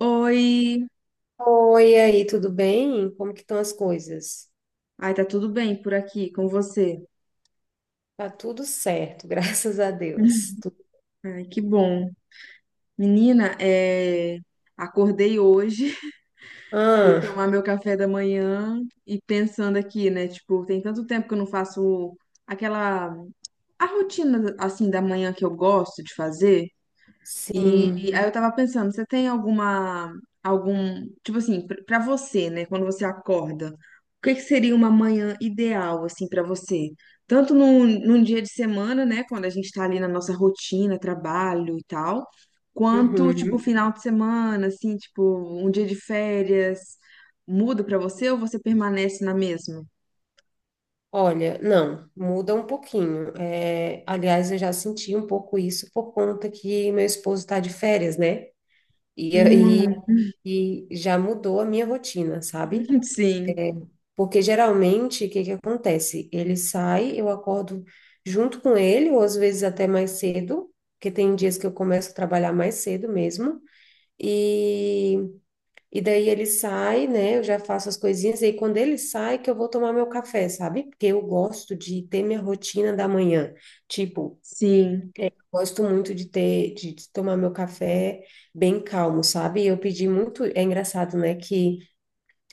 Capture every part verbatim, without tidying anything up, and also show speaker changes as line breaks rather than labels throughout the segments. Oi!
Oi, e aí, tudo bem? Como que estão as coisas?
Ai, tá tudo bem por aqui com você?
Tá tudo certo, graças a Deus. Tu-
Ai, que bom. Menina, é... acordei hoje, fui
Ah,
tomar meu café da manhã e pensando aqui, né? Tipo, tem tanto tempo que eu não faço aquela... a rotina, assim, da manhã que eu gosto de fazer. E
sim.
aí eu tava pensando, você tem alguma, algum, tipo assim, pr- pra você, né, quando você acorda, o que que seria uma manhã ideal, assim, pra você? Tanto num, num dia de semana, né, quando a gente tá ali na nossa rotina, trabalho e tal, quanto, tipo,
Uhum.
final de semana, assim, tipo, um dia de férias, muda pra você ou você permanece na mesma?
Olha, não, muda um pouquinho. É, aliás, eu já senti um pouco isso por conta que meu esposo está de férias, né? E aí
Hum,
e já mudou a minha rotina, sabe?
sim,
Porque geralmente, o que que acontece? Ele sai, eu acordo junto com ele, ou às vezes até mais cedo, porque tem dias que eu começo a trabalhar mais cedo mesmo. E, e daí ele sai, né? Eu já faço as coisinhas, e aí quando ele sai, que eu vou tomar meu café, sabe? Porque eu gosto de ter minha rotina da manhã. Tipo,
sim,
gosto muito de ter, de, de tomar meu café bem calmo, sabe? Eu pedi muito, é engraçado, né? Que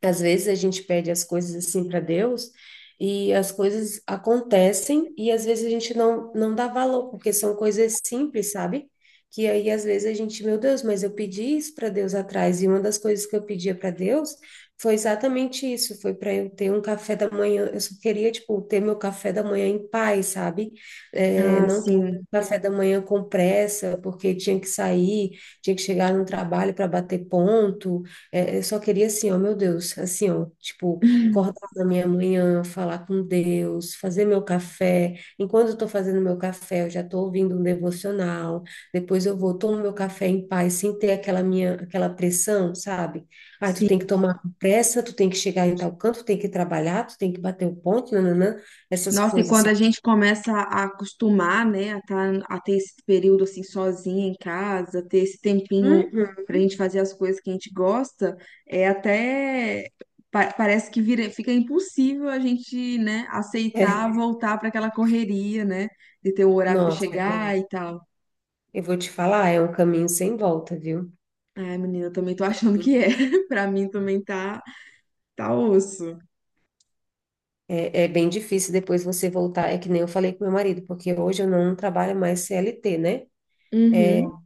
às vezes a gente pede as coisas assim para Deus e as coisas acontecem e às vezes a gente não, não dá valor, porque são coisas simples, sabe? Que aí às vezes a gente, meu Deus, mas eu pedi isso para Deus atrás e uma das coisas que eu pedia para Deus foi exatamente isso, foi para eu ter um café da manhã, eu só queria, tipo, ter meu café da manhã em paz, sabe? É,
ah,
não ter
sim,
café da manhã com pressa, porque tinha que sair, tinha que chegar no trabalho para bater ponto, é, eu só queria assim, ó, meu Deus, assim, ó, tipo, acordar na minha manhã, falar com Deus, fazer meu café. Enquanto eu tô fazendo meu café, eu já tô ouvindo um devocional. Depois eu vou, tomo meu café em paz, sem ter aquela minha, aquela pressão, sabe? Ah, tu
sim.
tem que tomar com pressa, tu tem que chegar em tal canto, tu tem que trabalhar, tu tem que bater o ponto, nananã, essas
Nossa, e
coisas,
quando a
sabe?
gente começa a acostumar, né, a, tá- a ter esse período assim sozinha em casa, ter esse tempinho
Uhum.
pra gente fazer as coisas que a gente gosta, é até pa- parece que vira- fica impossível a gente, né,
É.
aceitar voltar pra aquela correria, né, de ter o horário pra
Nossa,
chegar
eu,
e tal.
eu vou te falar, é um caminho sem volta, viu?
Ai, menina, eu também tô achando que é. Pra mim também tá tá osso.
É, é bem difícil depois você voltar. É que nem eu falei com meu marido, porque hoje eu não trabalho mais C L T, né?
Uhum.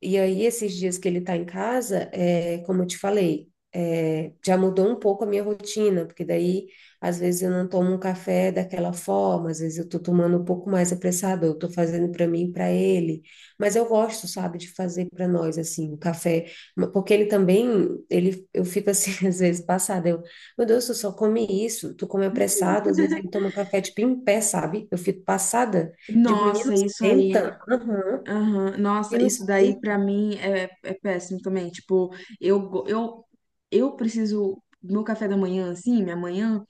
E aí, esses dias que ele está em casa, é, como eu te falei, é, já mudou um pouco a minha rotina, porque daí, às vezes, eu não tomo um café daquela forma, às vezes eu estou tomando um pouco mais apressado, eu estou fazendo para mim e para ele. Mas eu gosto, sabe, de fazer para nós, assim, o café, porque ele também, ele, eu fico assim, às vezes, passada, eu, meu Deus, tu só come isso, tu come apressado, às vezes ele toma um café, tipo, em pé, sabe? Eu fico passada, digo, menino,
Nossa, isso aí.
senta, aham,
Aham, nossa,
menino,
isso daí
senta.
pra mim é, é péssimo também. Tipo, eu, go- eu, eu preciso. Meu café da manhã, assim, minha manhã,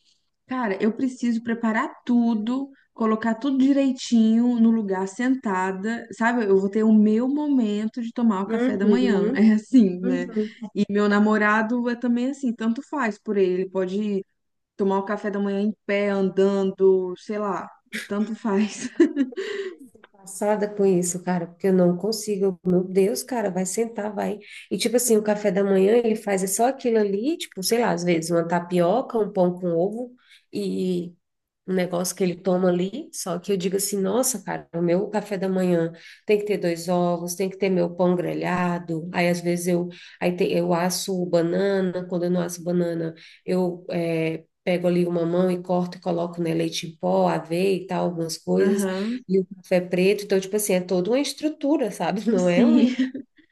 cara, eu preciso preparar tudo, colocar tudo direitinho no lugar sentada, sabe? Eu vou ter o meu momento de tomar o café da manhã.
Uhum,
É assim, né?
uhum.
E meu namorado é também assim, tanto faz por ele. Ele pode tomar o café da manhã em pé, andando, sei lá, tanto faz.
Passada com isso, cara, porque eu não consigo. Eu, meu Deus, cara, vai sentar, vai. E tipo assim, o café da manhã ele faz é só aquilo ali, tipo, sei lá, às vezes uma tapioca, um pão com ovo e um negócio que ele toma ali. Só que eu digo assim, nossa, cara, o meu café da manhã tem que ter dois ovos, tem que ter meu pão grelhado. Aí às vezes eu, aí te- eu asso banana, quando eu não asso banana, eu eh, pego ali uma mão e corto e coloco, né, leite em pó, aveia e tal, algumas coisas.
Aham,
E o café preto, então, tipo assim, é toda uma estrutura, sabe? Não é um,
sim.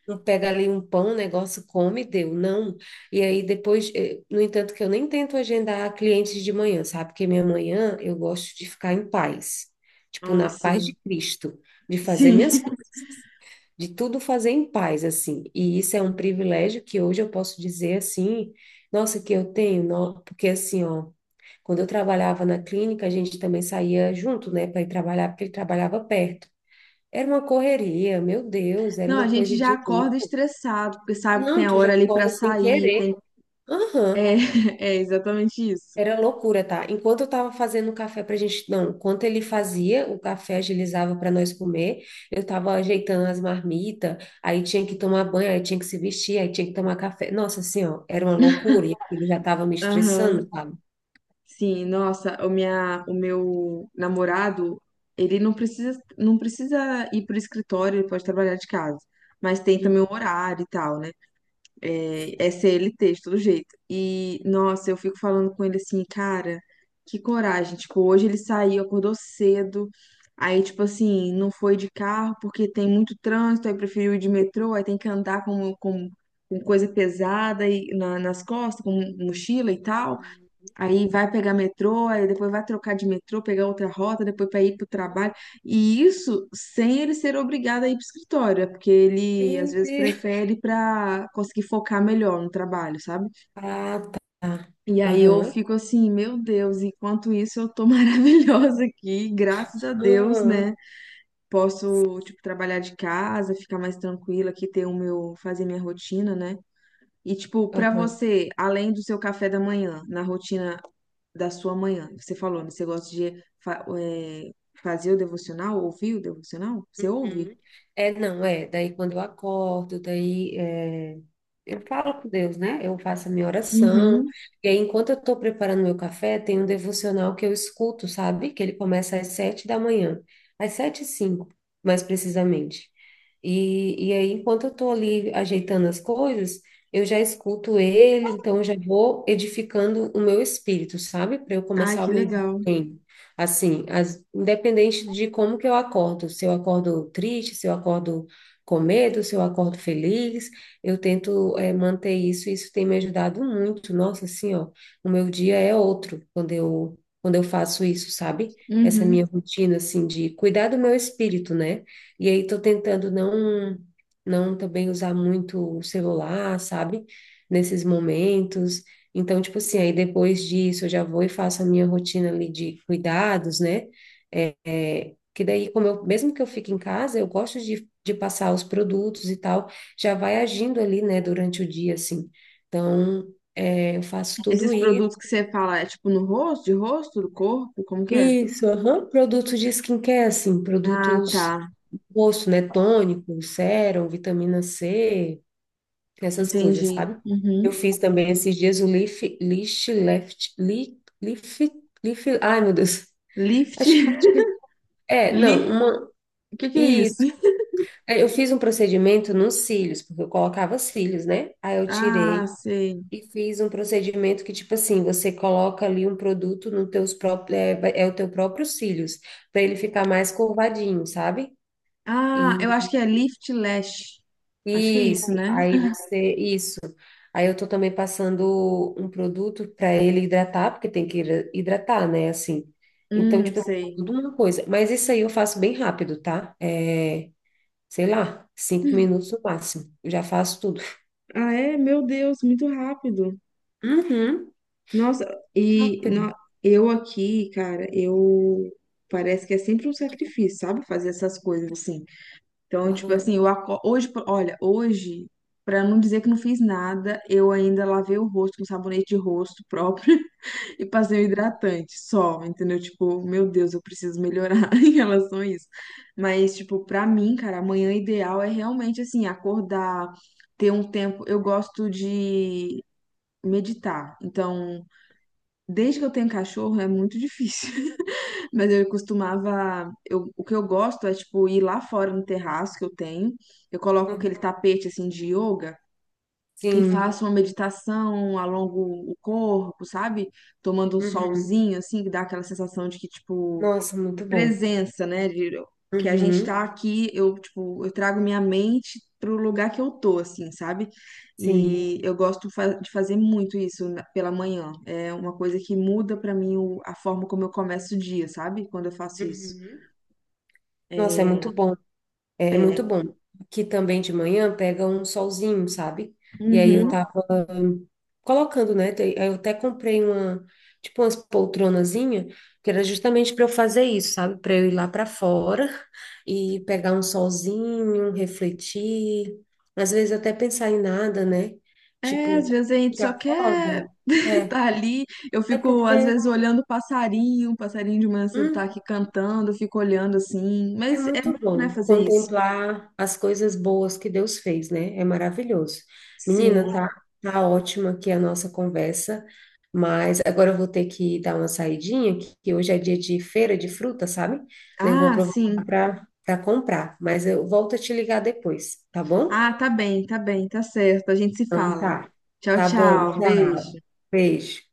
um pega ali um pão, um negócio, come, deu, não. E aí depois, eh, no entanto, que eu nem tento agendar clientes de manhã, sabe? Porque minha manhã eu gosto de ficar em paz, tipo,
Ah,
na paz de
sim.
Cristo, de fazer
Sim.
minhas, de tudo fazer em paz, assim. E isso é um privilégio que hoje eu posso dizer assim, nossa, que eu tenho, nó- porque assim, ó. Quando eu trabalhava na clínica, a gente também saía junto, né, para ir trabalhar, porque ele trabalhava perto. Era uma correria, meu Deus, era
Não, a
uma coisa
gente já
de
acorda
louco.
estressado, porque sabe que tem
Não,
a
tu já
hora ali pra
cola sem
sair, tem...
querer. Aham,
é, é exatamente isso.
era loucura, tá? Enquanto eu tava fazendo o café pra gente, não, enquanto ele fazia o café, agilizava para nós comer, eu tava ajeitando as marmitas, aí tinha que tomar banho, aí tinha que se vestir, aí tinha que tomar café. Nossa, assim, ó, era uma loucura, e ele já tava me
Aham.
estressando, sabe?
Sim, nossa, o minha, o meu namorado, ele não precisa, não precisa ir pro escritório, ele pode trabalhar de casa, mas tem
Hum.
também o horário e tal, né? É, é C L T, de todo jeito. E, nossa, eu fico falando com ele assim, cara, que coragem. Tipo, hoje ele saiu, acordou cedo. Aí, tipo assim, não foi de carro porque tem muito trânsito, aí preferiu ir de metrô, aí tem que andar com, com, com coisa pesada e, na- nas costas, com mochila e tal. Aí vai pegar metrô, aí depois vai trocar de metrô, pegar outra rota, depois para ir para o trabalho. E isso sem ele ser obrigado a ir para o escritório, é porque ele às
Meu
vezes
Deus.
prefere para conseguir focar melhor no trabalho, sabe?
Ah, tá.
E aí eu
Aham,
fico assim, meu Deus, enquanto isso eu tô maravilhosa aqui, graças a Deus, né?
aham,
Posso, tipo, trabalhar de casa, ficar mais tranquila aqui, ter o meu, fazer minha rotina, né? E, tipo, pra
aham.
você, além do seu café da manhã, na rotina da sua manhã? Você falou, né? Você gosta de fa- é, fazer o devocional, ouvir o devocional? Você ouve?
Uhum. É, não, é. Daí quando eu acordo, daí é, eu falo com Deus, né? Eu faço a minha oração.
Uhum.
E aí, enquanto eu estou preparando meu café, tem um devocional que eu escuto, sabe? Que ele começa às sete da manhã, às sete e cinco, mais precisamente. E, e aí, enquanto eu estou ali ajeitando as coisas, eu já escuto ele, então eu já vou edificando o meu espírito, sabe? Para eu
Ai,
começar o
que
meu dia.
legal.
Bem. Assim, as- independente de como que eu acordo, se eu acordo triste, se eu acordo com medo, se eu acordo feliz, eu tento eh, manter isso e isso tem me ajudado muito. Nossa, assim, ó, o meu dia é outro quando eu, quando eu faço isso, sabe? Essa
Uhum.
minha rotina, assim, de cuidar do meu espírito, né? E aí tô tentando não, não também usar muito o celular, sabe? Nesses momentos. Então, tipo assim, aí depois disso eu já vou e faço a minha rotina ali de cuidados, né? É, é, que daí, como eu, mesmo que eu fique em casa, eu gosto de, de passar os produtos e tal, já vai agindo ali, né, durante o dia, assim. Então, é, eu faço tudo
Esses
isso.
produtos que você fala, é tipo no rosto, de rosto, do corpo, como que é?
Isso, aham. Produtos de skincare, assim,
Ah,
produtos
tá.
do rosto, né? Tônico, sérum, vitamina C, essas coisas,
Entendi.
sabe? Eu
Uhum.
fiz também esses dias o Leaf, Leaf Left, Leaf, Leaf, Leaf, ai meu Deus,
Lift.
acho que é, não,
Li...
uma,
O que que é isso?
isso. É, eu fiz um procedimento nos cílios, porque eu colocava cílios, né? Aí eu tirei
Ah, sei.
e fiz um procedimento que, tipo assim, você coloca ali um produto no teus próprios, é, vai- é o teu próprio cílios, para ele ficar mais curvadinho, sabe?
Ah, eu acho que é Lift Lash. Acho que é isso,
Isso,
né?
aí você, isso. Aí eu tô também passando um produto para ele hidratar, porque tem que hidra- hidratar, né, assim. Então,
Hum,
tipo, assim,
sei.
tudo uma coisa. Mas isso aí eu faço bem rápido, tá? É, sei lá, cinco minutos no máximo. Eu já faço tudo.
Ah, é? Meu Deus, muito rápido.
Uhum,
Nossa, e
rápido.
no- eu aqui, cara, eu parece que é sempre um sacrifício, sabe? Fazer essas coisas assim. Então, tipo
Uhum,
assim, eu aco... hoje, por- olha, hoje, pra não dizer que não fiz nada, eu ainda lavei o rosto com sabonete de rosto próprio e passei o hidratante só, entendeu? Tipo, meu Deus, eu preciso melhorar em relação a isso. Mas, tipo, pra mim, cara, amanhã ideal é realmente assim, acordar, ter um tempo. Eu gosto de meditar. Então, desde que eu tenho cachorro é muito difícil. Mas eu costumava. Eu, o que eu gosto é, tipo, ir lá fora no terraço que eu tenho. Eu coloco aquele
uhum.
tapete, assim, de yoga e
Sim.
faço uma meditação, alongo o corpo, sabe? Tomando um
Uhum.
solzinho, assim, que dá aquela sensação de que, tipo,
Nossa, muito bom.
presença, né? De, que a gente
Uhum,
tá aqui, eu, tipo, eu trago minha mente pro lugar que eu tô, assim, sabe?
sim.
E eu gosto fa- de fazer muito isso na- pela manhã. É uma coisa que muda pra mim o- a forma como eu começo o dia, sabe? Quando eu faço isso.
Uhum. Nossa, é muito bom. É
É.
muito bom. Que também de manhã pega um solzinho, sabe? E aí eu
Uhum.
tava colocando, né? Te- aí eu até comprei uma, tipo umas poltronazinha, que era justamente para eu fazer isso, sabe? Para eu ir lá para fora e pegar um solzinho, refletir, às vezes até pensar em nada, né?
É,
Tipo,
às
quando
vezes a
a
gente
gente
só
acorda,
quer
é,
estar ali. Eu
é
fico, às
porque
vezes, olhando o passarinho, o passarinho de manhã cedo tá
hum,
aqui cantando, eu fico olhando assim.
é
Mas é bom,
muito
né,
bom
fazer isso.
contemplar as coisas boas que Deus fez, né? É maravilhoso. Menina,
Sim.
tá, tá ótima aqui a nossa conversa, mas agora eu vou ter que dar uma saidinha, que que hoje é dia de feira de fruta, sabe? Daí eu vou
Ah,
aproveitar
sim.
para para comprar, mas eu volto a te ligar depois, tá bom?
Ah, tá bem, tá bem, tá certo. A gente se
Então
fala.
tá.
Tchau,
Tá bom,
tchau. Um
tchau.
beijo.
Beijo.